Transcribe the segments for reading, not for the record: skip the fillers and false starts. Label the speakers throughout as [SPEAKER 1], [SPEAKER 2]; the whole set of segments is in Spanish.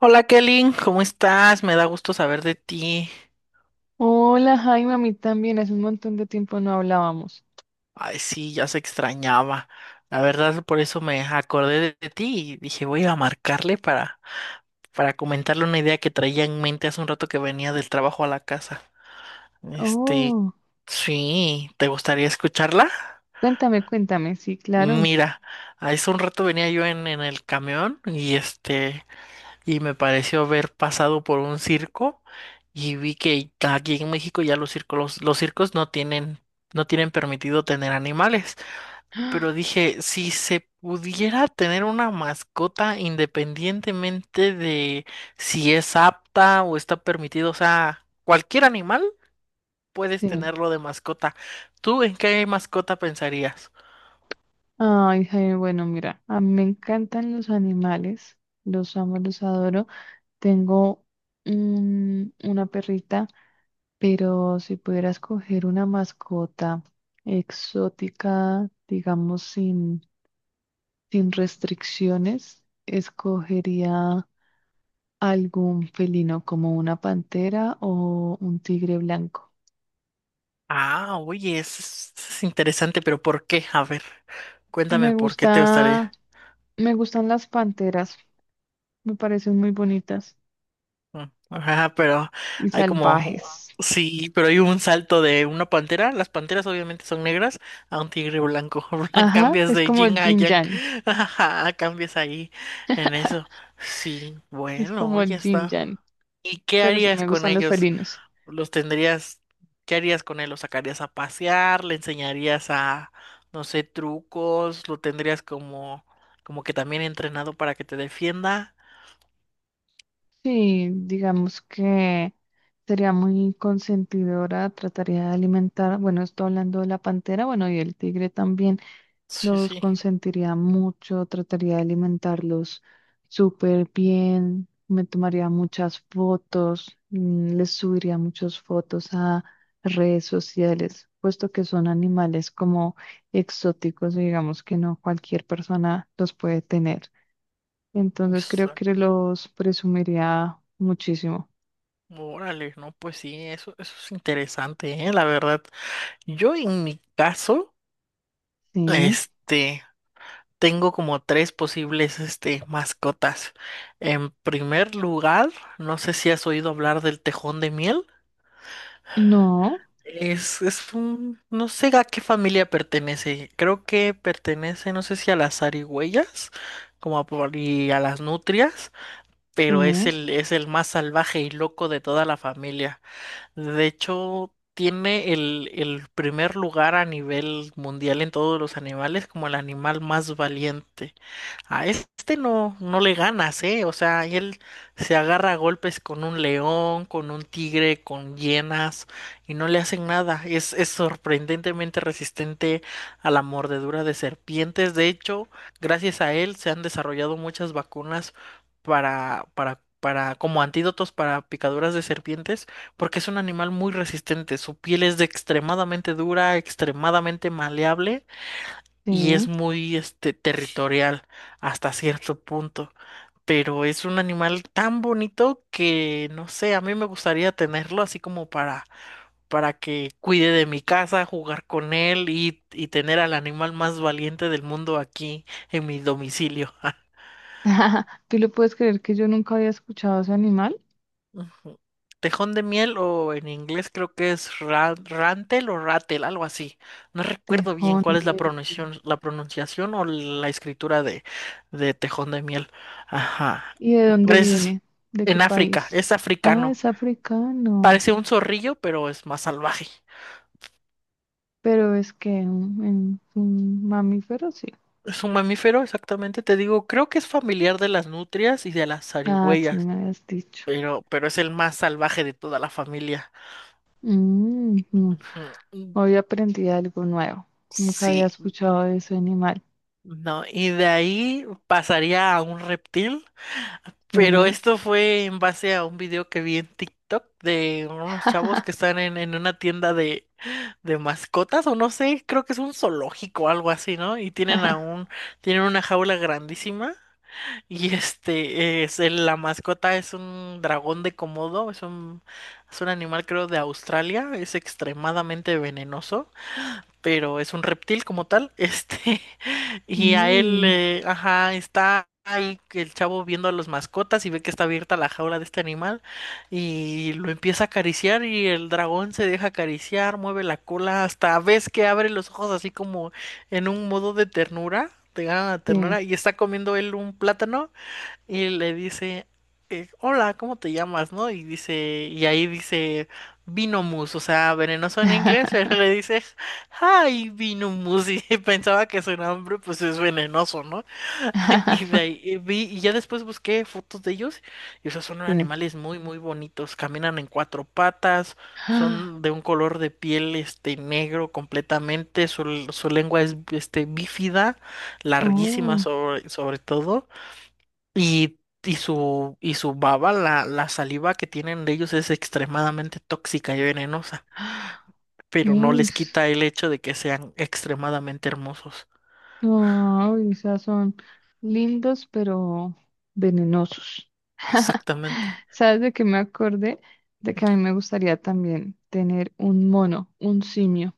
[SPEAKER 1] Hola Kelly, ¿cómo estás? Me da gusto saber de ti.
[SPEAKER 2] Hola Jaime, a mí también, hace un montón de tiempo no hablábamos.
[SPEAKER 1] Ay, sí, ya se extrañaba. La verdad, por eso me acordé de ti y dije, voy a marcarle para comentarle una idea que traía en mente hace un rato que venía del trabajo a la casa. Este,
[SPEAKER 2] Oh,
[SPEAKER 1] sí, ¿te gustaría escucharla?
[SPEAKER 2] cuéntame, cuéntame, sí, claro.
[SPEAKER 1] Mira, hace un rato venía yo en el camión y y me pareció haber pasado por un circo y vi que aquí en México ya los circos no tienen permitido tener animales. Pero dije, si se pudiera tener una mascota independientemente de si es apta o está permitido, o sea, cualquier animal puedes
[SPEAKER 2] Sí.
[SPEAKER 1] tenerlo de mascota. ¿Tú en qué mascota pensarías?
[SPEAKER 2] Ay, Jaime, bueno, mira, a mí me encantan los animales, los amo, los adoro. Tengo una perrita, pero si pudiera escoger una mascota exótica, digamos, sin restricciones, escogería algún felino como una pantera o un tigre blanco.
[SPEAKER 1] Ah, oye, eso es interesante, pero ¿por qué? A ver, cuéntame
[SPEAKER 2] Me
[SPEAKER 1] por qué te
[SPEAKER 2] gusta,
[SPEAKER 1] gustaría.
[SPEAKER 2] me gustan las panteras, me parecen muy bonitas
[SPEAKER 1] Mm, ajá, pero
[SPEAKER 2] y
[SPEAKER 1] hay como,
[SPEAKER 2] salvajes.
[SPEAKER 1] sí, pero hay un salto de una pantera. Las panteras obviamente son negras a un tigre blanco.
[SPEAKER 2] Ajá,
[SPEAKER 1] Cambias
[SPEAKER 2] es
[SPEAKER 1] de
[SPEAKER 2] como el
[SPEAKER 1] yin a
[SPEAKER 2] Jin
[SPEAKER 1] yang.
[SPEAKER 2] Yang,
[SPEAKER 1] Ajá, cambias ahí en eso. Sí,
[SPEAKER 2] es
[SPEAKER 1] bueno,
[SPEAKER 2] como
[SPEAKER 1] ya
[SPEAKER 2] el Jin
[SPEAKER 1] está.
[SPEAKER 2] Yang,
[SPEAKER 1] ¿Y qué
[SPEAKER 2] pero sí
[SPEAKER 1] harías
[SPEAKER 2] me
[SPEAKER 1] con
[SPEAKER 2] gustan los
[SPEAKER 1] ellos?
[SPEAKER 2] felinos.
[SPEAKER 1] ¿Los tendrías, ¿qué harías con él? ¿Lo sacarías a pasear? ¿Le enseñarías a, no sé, trucos? ¿Como que también entrenado para que te defienda?
[SPEAKER 2] Sí, digamos que sería muy consentidora, trataría de alimentar, bueno, estoy hablando de la pantera, bueno, y el tigre también.
[SPEAKER 1] Sí,
[SPEAKER 2] Los
[SPEAKER 1] sí.
[SPEAKER 2] consentiría mucho, trataría de alimentarlos súper bien, me tomaría muchas fotos, les subiría muchas fotos a redes sociales, puesto que son animales como exóticos, digamos que no cualquier persona los puede tener. Entonces creo que los presumiría muchísimo.
[SPEAKER 1] Órale, no, pues sí, eso es interesante, ¿eh? La verdad. Yo en mi caso,
[SPEAKER 2] Sí,
[SPEAKER 1] este, tengo como tres posibles, mascotas. En primer lugar, no sé si has oído hablar del tejón de miel.
[SPEAKER 2] no,
[SPEAKER 1] Es un, no sé a qué familia pertenece. Creo que pertenece, no sé si a las zarigüeyas, y a las nutrias, pero
[SPEAKER 2] sí,
[SPEAKER 1] es el más salvaje y loco de toda la familia. De hecho, tiene el primer lugar a nivel mundial en todos los animales como el animal más valiente. A este no le ganas, ¿eh? O sea, y él se agarra a golpes con un león, con un tigre, con hienas, y no le hacen nada. Es sorprendentemente resistente a la mordedura de serpientes. De hecho, gracias a él se han desarrollado muchas vacunas para, como antídotos para picaduras de serpientes, porque es un animal muy resistente. Su piel es de extremadamente dura, extremadamente maleable y es
[SPEAKER 2] sí.
[SPEAKER 1] muy este territorial hasta cierto punto, pero es un animal tan bonito que no sé, a mí me gustaría tenerlo así como para que cuide de mi casa, jugar con él y tener al animal más valiente del mundo aquí en mi domicilio.
[SPEAKER 2] ¿Tú le puedes creer que yo nunca había escuchado ese animal?
[SPEAKER 1] Ujú. Tejón de miel o en inglés creo que es rantel o ratel, algo así. No recuerdo bien
[SPEAKER 2] Tejón
[SPEAKER 1] cuál es
[SPEAKER 2] de Minas.
[SPEAKER 1] la pronunciación o la escritura de tejón de miel. Ajá.
[SPEAKER 2] ¿Y de dónde
[SPEAKER 1] Parece
[SPEAKER 2] viene? ¿De qué
[SPEAKER 1] en África,
[SPEAKER 2] país?
[SPEAKER 1] es
[SPEAKER 2] Ah,
[SPEAKER 1] africano.
[SPEAKER 2] es africano.
[SPEAKER 1] Parece un zorrillo, pero es más salvaje.
[SPEAKER 2] Pero es que un mamífero, sí.
[SPEAKER 1] Es un mamífero, exactamente, te digo, creo que es familiar de las nutrias y de las
[SPEAKER 2] Ah, sí,
[SPEAKER 1] zarigüeyas,
[SPEAKER 2] me habías dicho.
[SPEAKER 1] pero es el más salvaje de toda la familia.
[SPEAKER 2] Mm, mm.
[SPEAKER 1] Ujú.
[SPEAKER 2] Hoy aprendí algo nuevo. Nunca había
[SPEAKER 1] Sí,
[SPEAKER 2] escuchado de ese animal.
[SPEAKER 1] no, y de ahí pasaría a un reptil, pero
[SPEAKER 2] Sí.
[SPEAKER 1] esto fue en base a un video que vi en TikTok de unos chavos que están en una tienda de mascotas, o no sé, creo que es un zoológico o algo así, ¿no? Y tienen a un, tienen una jaula grandísima, y este la mascota es un dragón de Komodo, es un animal creo de Australia, es extremadamente venenoso pero es un reptil como tal, y a él,
[SPEAKER 2] Uy,
[SPEAKER 1] ajá, está ahí el chavo viendo a las mascotas y ve que está abierta la jaula de este animal y lo empieza a acariciar y el dragón se deja acariciar, mueve la cola, hasta ves que abre los ojos así como en un modo de ternura, te gana la
[SPEAKER 2] sí.
[SPEAKER 1] ternura y está comiendo él un plátano y le dice, hola, ¿cómo te llamas, no? Y dice, y ahí dice Vinomus, o sea, venenoso en inglés, pero le dice, hi, Vinomus, y pensaba que su nombre, pues, es venenoso, ¿no? Y de ahí y ya después busqué fotos de ellos, y o sea, son
[SPEAKER 2] Sí.
[SPEAKER 1] animales muy, muy bonitos, caminan en cuatro patas, son de un color de piel, negro completamente, su lengua es, bífida, larguísima
[SPEAKER 2] Oh.
[SPEAKER 1] sobre, sobre todo. Y, y su baba, la saliva que tienen de ellos es extremadamente tóxica y venenosa, pero no
[SPEAKER 2] Uy.
[SPEAKER 1] les quita el hecho de que sean extremadamente hermosos.
[SPEAKER 2] No, o sea, son lindos, pero venenosos.
[SPEAKER 1] Exactamente.
[SPEAKER 2] ¿Sabes de qué me acordé? De que a mí me gustaría también tener un mono, un simio.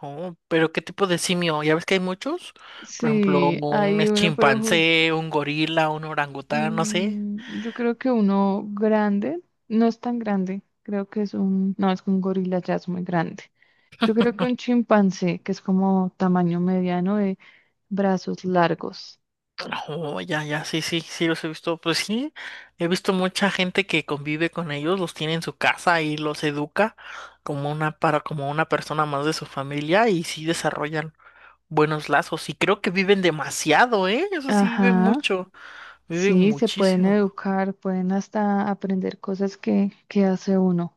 [SPEAKER 1] No, pero ¿qué tipo de simio? Ya ves que hay muchos, por ejemplo,
[SPEAKER 2] Sí,
[SPEAKER 1] un
[SPEAKER 2] hay uno, pero ju-
[SPEAKER 1] chimpancé, un gorila, un orangután, no sé.
[SPEAKER 2] yo creo que uno grande, no es tan grande, creo que es un, no, es que un gorila ya es muy grande. Yo creo que un chimpancé, que es como tamaño mediano de brazos largos.
[SPEAKER 1] Oh, ya, ya, sí, sí, sí, los he visto. Pues sí, he visto mucha gente que convive con ellos, los tiene en su casa y los educa como una, para, como una persona más de su familia y sí desarrollan buenos lazos. Y creo que viven demasiado, ¿eh? Eso sí, viven
[SPEAKER 2] Ajá.
[SPEAKER 1] mucho, viven
[SPEAKER 2] Sí, se pueden
[SPEAKER 1] muchísimo.
[SPEAKER 2] educar, pueden hasta aprender cosas que hace uno.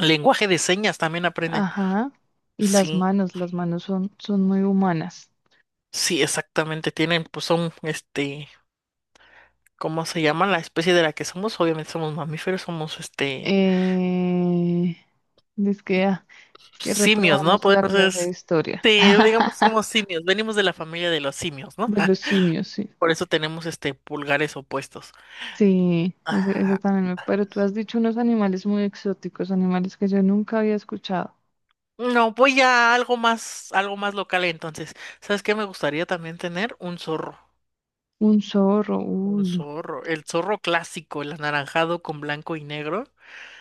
[SPEAKER 1] Lenguaje de señas también aprenden.
[SPEAKER 2] Ajá. Y
[SPEAKER 1] Sí,
[SPEAKER 2] las manos son, son muy humanas.
[SPEAKER 1] sí, exactamente. Tienen, pues son, ¿cómo se llama? La especie de la que somos, obviamente somos mamíferos, somos, este
[SPEAKER 2] Eh, es que, es que
[SPEAKER 1] simios, ¿no?
[SPEAKER 2] reprobamos
[SPEAKER 1] Pues
[SPEAKER 2] la clase de
[SPEAKER 1] entonces,
[SPEAKER 2] historia.
[SPEAKER 1] digamos, somos simios, venimos de la familia de los simios, ¿no?
[SPEAKER 2] De los simios, sí.
[SPEAKER 1] Por eso tenemos este pulgares opuestos.
[SPEAKER 2] Sí, ese
[SPEAKER 1] Ajá.
[SPEAKER 2] también me... Pero tú has dicho unos animales muy exóticos, animales que yo nunca había escuchado.
[SPEAKER 1] No, voy a algo más local entonces. ¿Sabes qué? Me gustaría también tener un zorro.
[SPEAKER 2] Un zorro,
[SPEAKER 1] Un
[SPEAKER 2] uy,
[SPEAKER 1] zorro. El zorro clásico, el anaranjado con blanco y negro.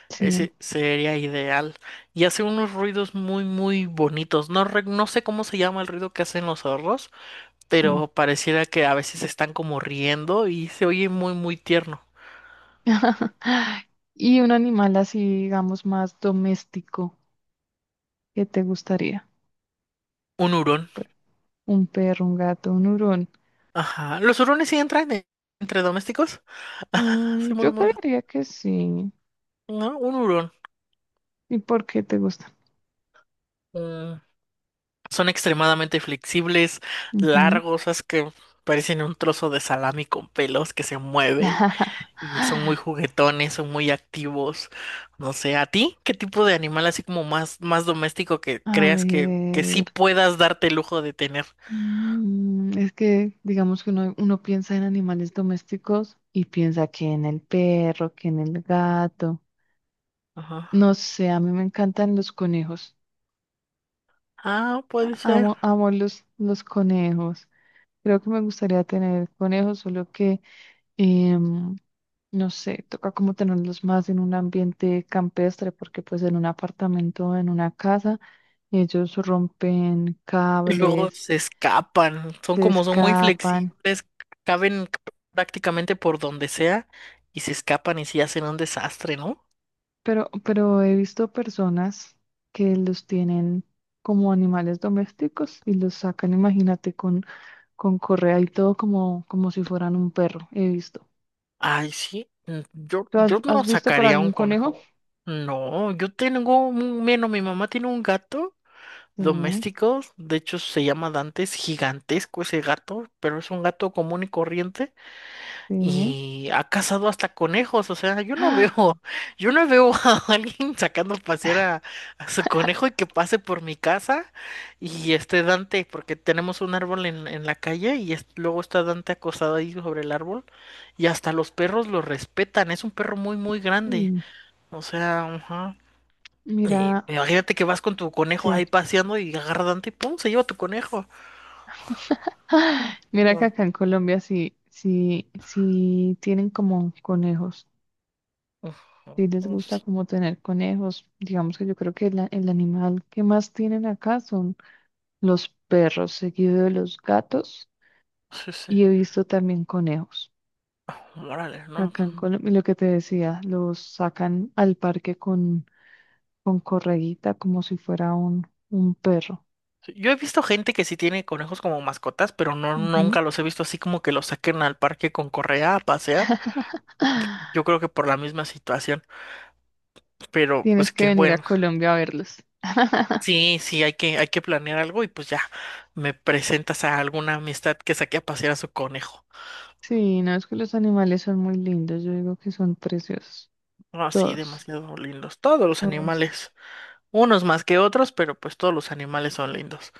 [SPEAKER 2] sí,
[SPEAKER 1] Ese sería ideal. Y hace unos ruidos muy, muy bonitos. No sé cómo se llama el ruido que hacen los zorros,
[SPEAKER 2] sí.
[SPEAKER 1] pero pareciera que a veces están como riendo y se oye muy, muy tierno.
[SPEAKER 2] Y un animal así, digamos, más doméstico, ¿qué te gustaría?
[SPEAKER 1] Un hurón.
[SPEAKER 2] Pe- Un perro, un gato, un hurón.
[SPEAKER 1] Ajá. Los hurones sí entre domésticos.
[SPEAKER 2] Mm,
[SPEAKER 1] Soy muy,
[SPEAKER 2] yo
[SPEAKER 1] muy.
[SPEAKER 2] creería que sí.
[SPEAKER 1] No, un hurón.
[SPEAKER 2] ¿Y por qué te gusta?
[SPEAKER 1] Mm. Son extremadamente flexibles,
[SPEAKER 2] Ujú.
[SPEAKER 1] largos, es que parecen un trozo de salami con pelos que se mueve y son muy juguetones, son muy activos. No sé, ¿a ti qué tipo de animal así como más, más doméstico que
[SPEAKER 2] A
[SPEAKER 1] creas que sí
[SPEAKER 2] ver,
[SPEAKER 1] puedas darte el lujo de tener?
[SPEAKER 2] es que digamos que uno, uno piensa en animales domésticos y piensa que en el perro, que en el gato.
[SPEAKER 1] Ajá.
[SPEAKER 2] No sé, a mí me encantan los conejos.
[SPEAKER 1] Ah, puede ser.
[SPEAKER 2] Amo, amo los conejos. Creo que me gustaría tener conejos, solo que, em, no sé, toca como tenerlos más en un ambiente campestre, porque pues en un apartamento, en una casa, ellos rompen
[SPEAKER 1] Y luego
[SPEAKER 2] cables,
[SPEAKER 1] se escapan, son
[SPEAKER 2] se
[SPEAKER 1] como son muy
[SPEAKER 2] escapan,
[SPEAKER 1] flexibles, caben prácticamente por donde sea y se escapan y sí hacen un desastre, ¿no?
[SPEAKER 2] pero he visto personas que los tienen como animales domésticos y los sacan, imagínate, con correa y todo como, como si fueran un perro, he visto.
[SPEAKER 1] Ay, sí, mm,
[SPEAKER 2] ¿Tú
[SPEAKER 1] yo no
[SPEAKER 2] has visto para
[SPEAKER 1] sacaría un
[SPEAKER 2] algún conejo?
[SPEAKER 1] conejo. No, yo tengo un, bueno, mi mamá tiene un gato
[SPEAKER 2] Sí,
[SPEAKER 1] doméstico, de hecho se llama Dante, es gigantesco ese gato, pero es un gato común y corriente.
[SPEAKER 2] sí.
[SPEAKER 1] Y ha cazado hasta conejos, o sea, yo no veo, yo no veo a alguien sacando a pasear a su conejo y que pase por mi casa y esté Dante, porque tenemos un árbol en la calle luego está Dante acostado ahí sobre el árbol y hasta los perros lo respetan, es un perro muy, muy grande,
[SPEAKER 2] Uy,
[SPEAKER 1] o sea, ajá. Y
[SPEAKER 2] mira,
[SPEAKER 1] imagínate que vas con tu conejo
[SPEAKER 2] sí.
[SPEAKER 1] ahí paseando y agarra a Dante y ¡pum! Se lleva tu conejo.
[SPEAKER 2] Ah, mira que
[SPEAKER 1] Ujú,
[SPEAKER 2] acá en Colombia sí, sí, sí tienen como conejos. Sí les
[SPEAKER 1] ujú,
[SPEAKER 2] gusta como tener conejos. Digamos que yo creo que el animal que más tienen acá son los perros, seguido de los gatos.
[SPEAKER 1] sí, sí, sí.
[SPEAKER 2] Y he visto también conejos.
[SPEAKER 1] Órale, no.
[SPEAKER 2] Acá en Colombia, y lo que te decía, los sacan al parque con correguita como si fuera un perro.
[SPEAKER 1] Yo he visto gente que sí tiene conejos como mascotas, pero no
[SPEAKER 2] Ujú.
[SPEAKER 1] nunca los he visto así como que los saquen al parque con correa a pasear. Yo creo que por la misma situación, pero
[SPEAKER 2] Tienes
[SPEAKER 1] pues
[SPEAKER 2] que
[SPEAKER 1] qué
[SPEAKER 2] venir a
[SPEAKER 1] bueno.
[SPEAKER 2] Colombia a verlos.
[SPEAKER 1] Sí, sí, hay que planear algo y pues ya me presentas a alguna amistad que saque a pasear a su conejo.
[SPEAKER 2] Sí, no es que los animales son muy lindos, yo digo que son preciosos.
[SPEAKER 1] No, sí,
[SPEAKER 2] Todos,
[SPEAKER 1] demasiado lindos todos los
[SPEAKER 2] todos.
[SPEAKER 1] animales, unos más que otros, pero pues todos los animales son lindos.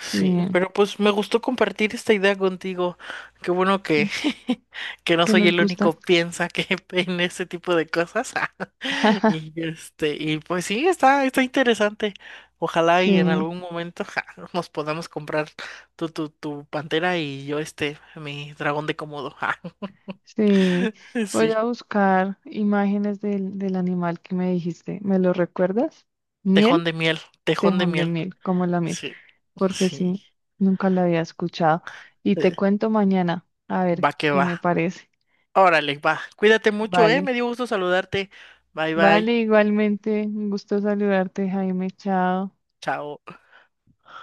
[SPEAKER 1] Sí,
[SPEAKER 2] Sí,
[SPEAKER 1] pero pues me gustó compartir esta idea contigo. Qué bueno que, que no
[SPEAKER 2] que
[SPEAKER 1] soy
[SPEAKER 2] nos
[SPEAKER 1] el único
[SPEAKER 2] gustan.
[SPEAKER 1] piensa que en ese tipo de cosas. Y y pues sí, está interesante. Ojalá y en
[SPEAKER 2] Sí,
[SPEAKER 1] algún momento ja, nos podamos comprar tu pantera y yo este, mi dragón de Komodo. Ja.
[SPEAKER 2] sí. Voy
[SPEAKER 1] Sí.
[SPEAKER 2] a buscar imágenes del animal que me dijiste. ¿Me lo recuerdas? Miel,
[SPEAKER 1] Tejón de miel, tejón de
[SPEAKER 2] tejón de
[SPEAKER 1] miel.
[SPEAKER 2] miel, como la miel.
[SPEAKER 1] Sí,
[SPEAKER 2] Porque
[SPEAKER 1] sí.
[SPEAKER 2] sí, nunca la había escuchado. Y te
[SPEAKER 1] Eh,
[SPEAKER 2] cuento mañana, a ver
[SPEAKER 1] va que
[SPEAKER 2] qué
[SPEAKER 1] va.
[SPEAKER 2] me parece.
[SPEAKER 1] Órale, va. Cuídate mucho, ¿eh?
[SPEAKER 2] Vale,
[SPEAKER 1] Me dio gusto saludarte. Bye, bye.
[SPEAKER 2] vale, igualmente. Un gusto saludarte, Jaime. Chao.
[SPEAKER 1] Chao.